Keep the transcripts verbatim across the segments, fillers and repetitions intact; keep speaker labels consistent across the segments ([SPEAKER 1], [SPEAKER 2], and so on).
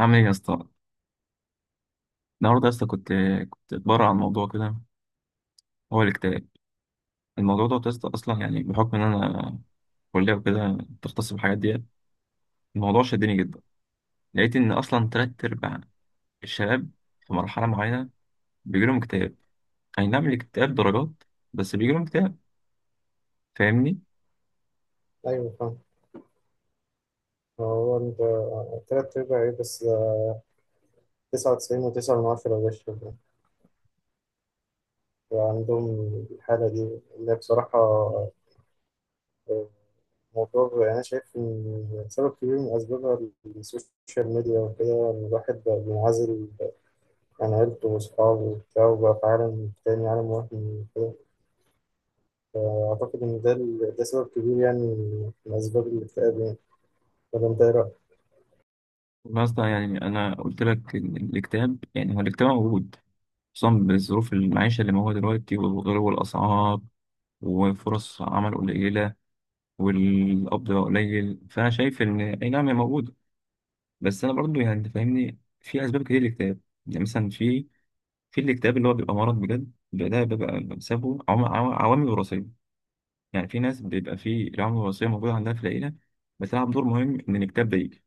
[SPEAKER 1] عامل ايه يا اسطى؟ النهارده يا اسطى كنت كنت اتبرع عن موضوع كده، هو الاكتئاب. الموضوع ده يا اسطى اصلا يعني بحكم ان انا كليه وكده بتختص بالحاجات دي. الموضوع شدني جدا. لقيت ان اصلا تلات ارباع الشباب في مرحله معينه بيجيلهم اكتئاب. اي نعم الاكتئاب درجات، بس بيجيلهم اكتئاب. فاهمني؟
[SPEAKER 2] ايوه فاهم. هو انت تلات ارباع ايه بس؟ تسعة وتسعين وتسعة من عشرة بشر عندهم الحالة دي، اللي هي بصراحة آه، موضوع. أنا شايف إن سبب كبير من أسبابها السوشيال ميديا وكده، إن الواحد بقى منعزل عن عيلته وأصحابه وبتاع وبقى في عالم تاني، عالم وهمي وكده. فأعتقد إن ده ال- ده سبب كبير يعني، من أسباب الاكتئاب يعني. ولا أنت إيه رأيك؟
[SPEAKER 1] اصلا يعني انا قلت لك ان الاكتئاب يعني هو الاكتئاب موجود، خصوصا بظروف المعيشه اللي موجوده دلوقتي وغلو الاسعار وفرص عمل قليله والقبض بقى قليل، فانا شايف ان اي نعم هي موجوده. بس انا برضو يعني انت فاهمني في اسباب كتير للاكتئاب. يعني مثلا في في الاكتئاب اللي هو بيبقى مرض بجد، بيبقى ده بيبقى بسببه عوام- عوام- عوامل وراثيه. يعني في ناس بيبقى في العوامل الوراثيه موجوده عندها في العيله، بتلعب دور مهم ان الاكتئاب ده يجي.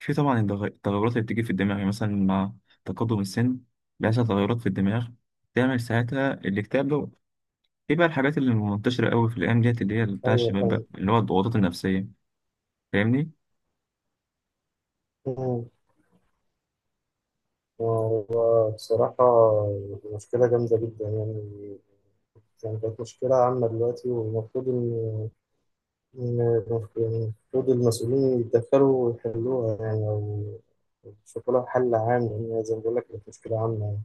[SPEAKER 1] في طبعا التغ- التغيرات اللي بتيجي في الدماغ، يعني مثلا مع تقدم السن بيحصل تغيرات في الدماغ تعمل ساعتها الاكتئاب ده. في بقى الحاجات اللي منتشره قوي في الايام ديت اللي هي بتاع
[SPEAKER 2] أيوه
[SPEAKER 1] الشباب بقى اللي هو الضغوطات النفسيه. فاهمني؟
[SPEAKER 2] فاهم. هو بصراحة مشكلة جامدة جدا يعني، يعني كانت مشكلة عامة دلوقتي، والمفروض إن إن- يعني المفروض المسؤولين يتدخلوا ويحلوها يعني، أو يشوفوا لها حل عام، لأن زي ما بقول لك كانت مشكلة عامة يعني.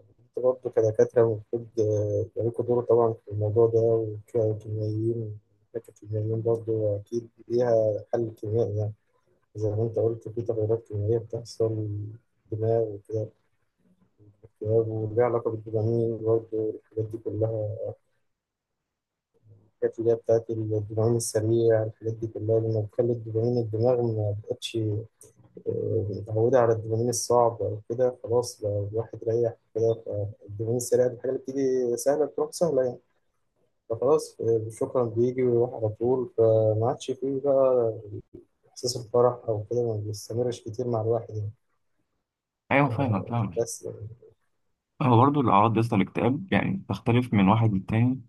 [SPEAKER 2] أنتوا برضه كدكاترة المفروض آه، يبقى لكم دور طبعا في الموضوع ده، وككيميائيين. الدكاترة الكيميائيين برضه أكيد ليها حل كيميائي يعني. زي ما أنت قلت في تغيرات كيميائية بتحصل دماغ وكده، اكتئاب وليه علاقة بالدوبامين برضه، الحاجات دي كلها. الحاجات اللي هي بتاعت الدوبامين السريع، الحاجات دي كلها لما بتخلي الدوبامين الدماغ ما بقتش آه، متعودة على الدوبامين الصعب أو كده. خلاص بقى الواحد ريح كده، فالدوبامين السريع دي الحاجة اللي بتيجي سهلة بتروح سهلة يعني. فخلاص آه، شكرا، بيجي ويروح على طول، فما عادش فيه بقى إحساس الفرح أو كده، ما بيستمرش كتير مع الواحد يعني.
[SPEAKER 1] ايوه فاهمك
[SPEAKER 2] ف-
[SPEAKER 1] فاهمك.
[SPEAKER 2] بس يعني.
[SPEAKER 1] هو برضه الاعراض بس الاكتئاب يعني تختلف من واحد للتاني،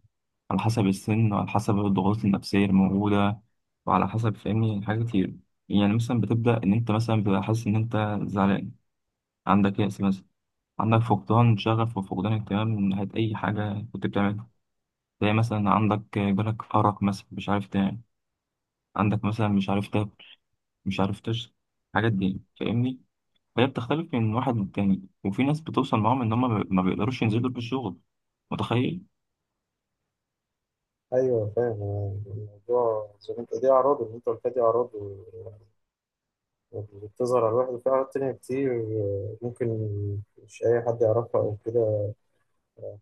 [SPEAKER 1] على حسب السن وعلى حسب الضغوط النفسيه الموجوده وعلى حسب فاهمني حاجات كتير. يعني مثلا بتبدا ان انت مثلا بتبقى حاسس ان انت زعلان، عندك يأس مثلا، عندك فقدان شغف وفقدان اهتمام من ناحيه اي حاجه كنت بتعملها. زي مثلا عندك جالك ارق مثلا مش عارف تنام، عندك مثلا مش عارف تاكل مش عارف تشرب، الحاجات دي فاهمني. فهي بتختلف من واحد للتاني وفي ناس بتوصل معاهم ان هم ما ما بيقدروش ينزلوا في الشغل. متخيل؟
[SPEAKER 2] أيوه فاهم آه، الموضوع زي ما أنت، دي أعراضه اللي أنت قلتها، دي أعراضه اللي بتظهر على الواحد. في حاجات تانية كتير آه، ممكن مش أي حد يعرفها أو كده.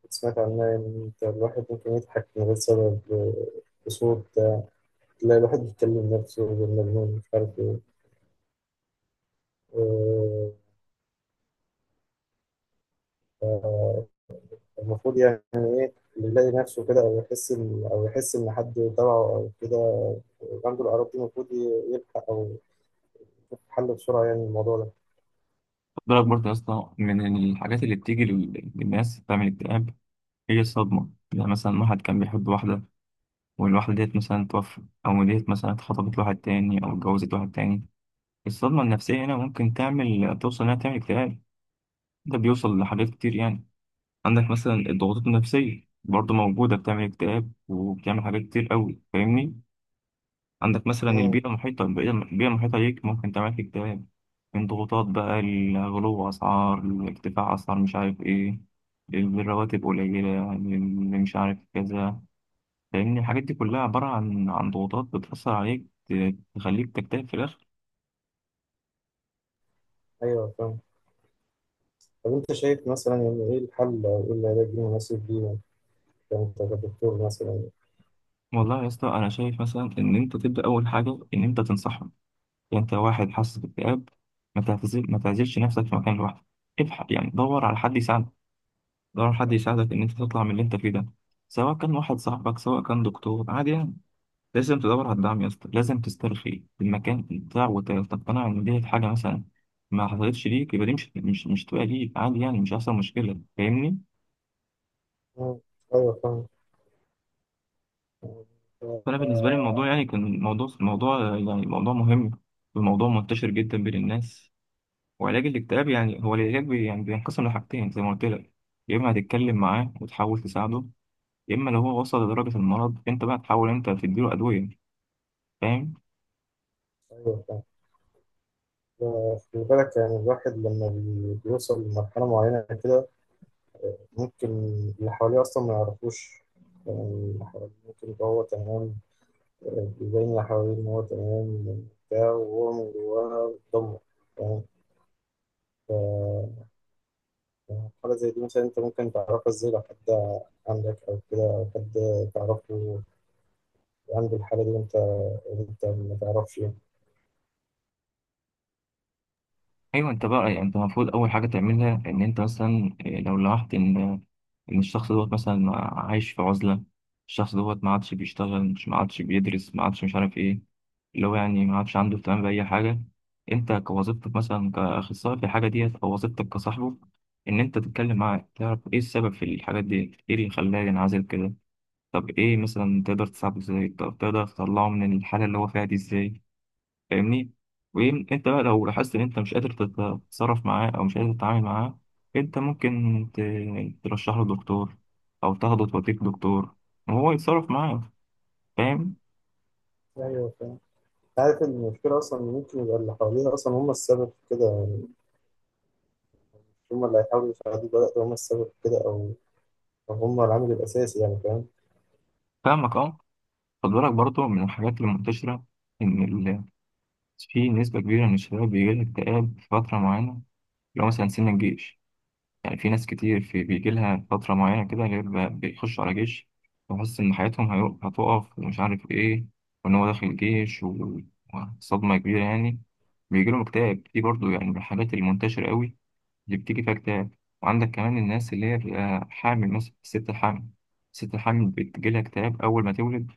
[SPEAKER 2] كنت سمعت عنها إن أنت الواحد ممكن يضحك من غير سبب آه، بصوت آه، تلاقي الواحد بيتكلم نفسه بالمجنون مش عارف إيه آه، المفروض يعني اللي يلاقي نفسه كده، أو يحس إن أو يحس إن حد تبعه أو كده عنده الأعراض دي، المفروض ي- يلحق أو يشوف حل بسرعة يعني الموضوع ده.
[SPEAKER 1] خد بالك برضه يا اسطى من الحاجات اللي بتيجي لل- للناس بتعمل اكتئاب، هي الصدمة. يعني مثلا واحد كان بيحب واحدة والواحدة ديت مثلا توفت، أو ديت مثلا اتخطبت لواحد تاني أو اتجوزت واحد تاني، الصدمة النفسية هنا ممكن تعمل توصل إنها تعمل اكتئاب، ده بيوصل لحاجات كتير يعني. عندك مثلا الضغوطات النفسية برضه موجودة، بتعمل اكتئاب وبتعمل حاجات كتير قوي، فاهمني. عندك مثلا
[SPEAKER 2] مم.
[SPEAKER 1] البيئة المحيطة البيئة البيئة المحيطة ليك ممكن تعمل لك اكتئاب، من ضغوطات بقى الغلو أسعار، ارتفاع أسعار مش عارف إيه، الرواتب قليلة اللي مش عارف كذا، لأن الحاجات دي كلها عبارة عن عن ضغوطات بتأثر عليك ت- تخليك تكتئب في الآخر.
[SPEAKER 2] أيوه فاهم. طب أنت شايف مثلا يعني إيه الحل أو إيه العلاج المناسب ليه يعني أنت كدكتور مثلا؟
[SPEAKER 1] والله يا اسطى أنا شايف مثلا إن أنت تبدأ أول حاجة إن أنت تنصحهم. يعني أنت واحد حاسس باكتئاب، ما تعتزل ما تعزلش نفسك في مكان لوحدك. ابحث يعني دور على حد يساعدك، ضروري حد يساعدك إن أنت تطلع من اللي أنت فيه ده، سواء كان واحد صاحبك سواء كان دكتور عادي يعني. لازم تدور على الدعم يا اسطى، لازم تسترخي المكان بتاع وتقتنع إن دي حاجة مثلا ما حصلتش ليك، يبقى دي مش مش مش تبقى ليك عادي يعني، مش هيحصل مشكلة. فاهمني؟
[SPEAKER 2] مم. ايوه فاهم
[SPEAKER 1] فأنا بالنسبة لي
[SPEAKER 2] آه،
[SPEAKER 1] الموضوع يعني كان موضوع موضوع يعني موضوع مهم، وموضوع منتشر جدا بين الناس. وعلاج الاكتئاب يعني هو العلاج بي- يعني بينقسم لحاجتين زي ما قلت لك، يا إما هتتكلم معاه وتحاول تساعده، يا اما لو هو وصل لدرجه المرض انت بقى تحاول انت تديله ادويه. فاهم؟
[SPEAKER 2] ايوه فاهم آه، خلي بالك يعني الواحد لما بي- بيوصل لمرحله معينه كده، ممكن اللي حواليه اصلا ما يعرفوش. يعني اللي حواليه ممكن يبقى هو تمام آه، بيبين اللي حواليه ان هو تمام بتاع، وهو من جواه بيتدمر يعني. حاجه زي دي مثلا انت ممكن تعرفها ازاي، لو حد عندك او كده، او حد تعرفه عنده الحاله دي وانت انت ما تعرفش يعني.
[SPEAKER 1] ايوه انت بقى يعني انت المفروض اول حاجه تعملها ان انت مثلا إيه، لو لاحظت ان ان الشخص دوت مثلا عايش في عزله، الشخص دوت ما عادش بيشتغل مش ما عادش بيدرس ما عادش مش عارف ايه، اللي هو يعني ما عادش عنده اهتمام باي حاجه. انت كوظيفتك مثلا كاخصائي في الحاجه ديت او وظيفتك كصاحبه ان انت تتكلم معاه تعرف ايه السبب في الحاجات ديت، ايه اللي خلاه ينعزل كده. طب ايه مثلا تقدر تساعده ازاي؟ طب تقدر تطلعه من الحاله اللي هو فيها دي ازاي؟ فاهمني؟ وانت بقى لو لاحظت ان انت مش قادر تتصرف معاه او مش قادر تتعامل معاه، انت ممكن ت- ترشح له دكتور او تاخده توديك دكتور وهو يتصرف معاه. فاهم؟
[SPEAKER 2] ايوه فاهم. عارف إن المشكله اصلا إن ممكن يبقى اللي حواليه اصلا هم السبب في كده. هم اللي هيحاولوا يساعدوه بقى لو هم السبب في كده، أو أو هم العامل الأساسي يعني فاهم.
[SPEAKER 1] فاهمك اه. خد بالك برضه من الحاجات المنتشرة ان ال... في نسبة كبيرة من الشباب بيجيلها اكتئاب في فترة معينة، اللي هو مثلا سن الجيش. يعني في ناس كتير في بيجي لها فترة معينة كده، غير ب- بيخشوا على جيش وحس إن حياتهم هيو- هتقف ومش عارف إيه، وإن هو داخل الجيش و- وصدمة كبيرة يعني، بيجي لهم اكتئاب. دي برضو يعني من الحالات المنتشرة قوي اللي بتيجي فيها اكتئاب. وعندك كمان الناس اللي هي بتبقى حامل مثلا، الست الحامل. الست الحامل بتجي لها اكتئاب أول ما تولد،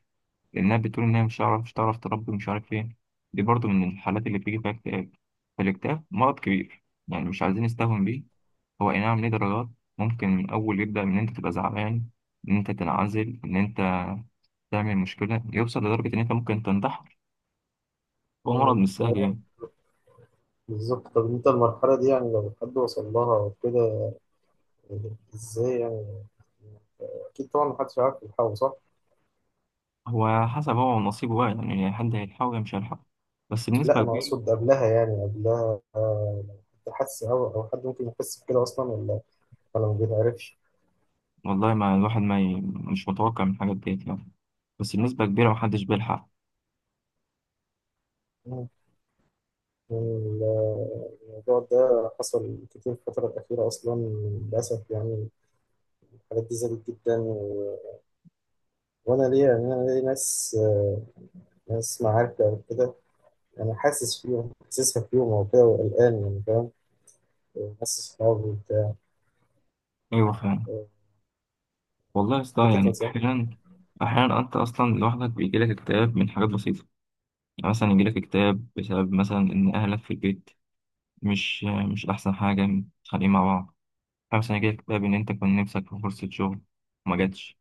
[SPEAKER 1] لأنها بتقول إنها مش هتعرف مش هتعرف تربي ومش عارف إيه. دي برضو من الحالات اللي بتيجي فيها اكتئاب. فالاكتئاب مرض كبير يعني، مش عايزين نستهون بيه. هو اي نعم ليه درجات، ممكن من اول يبدا من ان انت تبقى زعلان، ان انت تنعزل، ان انت تعمل مشكله، يوصل لدرجه ان انت ممكن تنتحر. هو مرض
[SPEAKER 2] مم.
[SPEAKER 1] مش سهل يعني.
[SPEAKER 2] بالظبط. طب أنت المرحلة دي يعني لو حد وصل لها كده، إزاي يعني؟ أكيد طبعا محدش عارف يلحقه صح؟
[SPEAKER 1] هو حسب هو ونصيبه بقى، يعني يعني حد هيلحقه يا مش هيلحقه، بس
[SPEAKER 2] لا
[SPEAKER 1] بنسبه
[SPEAKER 2] أنا
[SPEAKER 1] كبيره.
[SPEAKER 2] أقصد قبلها، يعني قبلها آه، لو حد حس أو أو حد ممكن يحس بكده أصلا، ولا ولا ما بيتعرفش.
[SPEAKER 1] والله ما الواحد ما ي... مش متوقع من حاجه ديت يعني، بس بنسبه كبيره محدش بيلحق.
[SPEAKER 2] مم. ال- الموضوع ده حصل كتير في الفترة الأخيرة أصلا، للأسف يعني. الحالات دي زادت جدا و... وأنا ليا، يعني أنا ليا ناس آه، ناس معارف أو كده. أنا حاسس فيهم، حاسسها فيهم وكده وقلقان يعني فاهم. حاسس صحابي وبتاع.
[SPEAKER 1] ايوه فعلا. والله يا اسطى
[SPEAKER 2] أنت
[SPEAKER 1] يعني
[SPEAKER 2] تنصح؟
[SPEAKER 1] احيانا احيانا انت اصلا لوحدك بيجيلك اكتئاب من حاجات بسيطه، يعني مثلا يجيلك اكتئاب بسبب مثلا ان اهلك في البيت مش مش أحسن حاجة متخانقين مع بعض. أحيانا مثلا يجيلك اكتئاب إن أنت كان نفسك في فرصة شغل وما جاتش.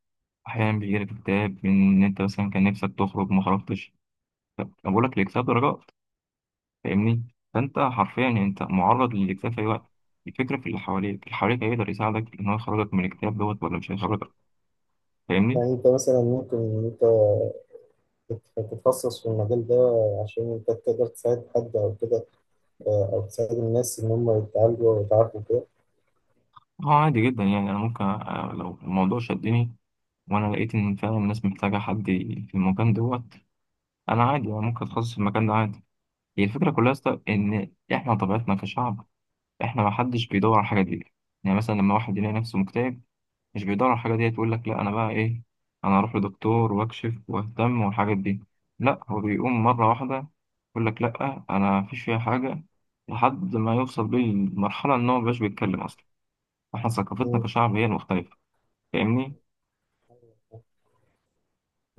[SPEAKER 1] أحيانا بيجيلك اكتئاب إن أنت مثلا كان نفسك تخرج وما خرجتش. ف- أنا بقول لك الاكتئاب درجات. فاهمني؟ فأنت حرفيا أنت معرض للاكتئاب في أي وقت. الفكرة في اللي حواليك، اللي حواليك هيقدر يساعدك إن هو يخرجك من الاكتئاب دوت ولا مش هيخرجك. فاهمني؟
[SPEAKER 2] يعني أنت مثلا ممكن إن أنت تت- تتخصص في المجال ده عشان أنت تقدر تساعد حد أو كده آه، أو تساعد الناس إن هم يتعالجوا ويتعافوا كده.
[SPEAKER 1] هو عادي جدا، يعني أنا ممكن آه، لو الموضوع شدني وأنا لقيت إن فعلا الناس محتاجة حد في المكان دوت، أنا عادي أنا ممكن أتخصص في المكان ده عادي. هي الفكرة كلها يا اسطى إن إحنا طبيعتنا كشعب، إحنا ما حدش بيدور على الحاجة دي. يعني مثلا لما واحد يلاقي نفسه مكتئب مش بيدور على الحاجة دي، يقول لك لا أنا بقى إيه، أنا أروح لدكتور وأكشف وأهتم والحاجات دي، لا هو بيقوم مرة واحدة يقول لك لا أنا مفيش فيها حاجة لحد ما يوصل بيه المرحلة إن هو مبقاش بيتكلم أصلا. إحنا ثقافتنا
[SPEAKER 2] مم.
[SPEAKER 1] كشعب هي المختلفة. فاهمني؟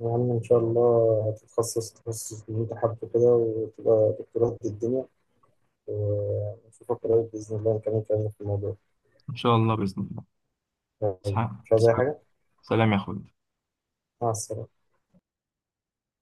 [SPEAKER 2] يا عم إن شاء الله هتتخصص تخصص اللي أنت حابه كده وتبقى دكتوراه قد الدنيا، ونشوفك قريب بإذن الله نكمل كلامنا في الموضوع.
[SPEAKER 1] إن شاء الله بإذن الله. إسحاق
[SPEAKER 2] مش عايز أي
[SPEAKER 1] تسلم.
[SPEAKER 2] حاجة.
[SPEAKER 1] سلام يا أخوي.
[SPEAKER 2] مع السلامة.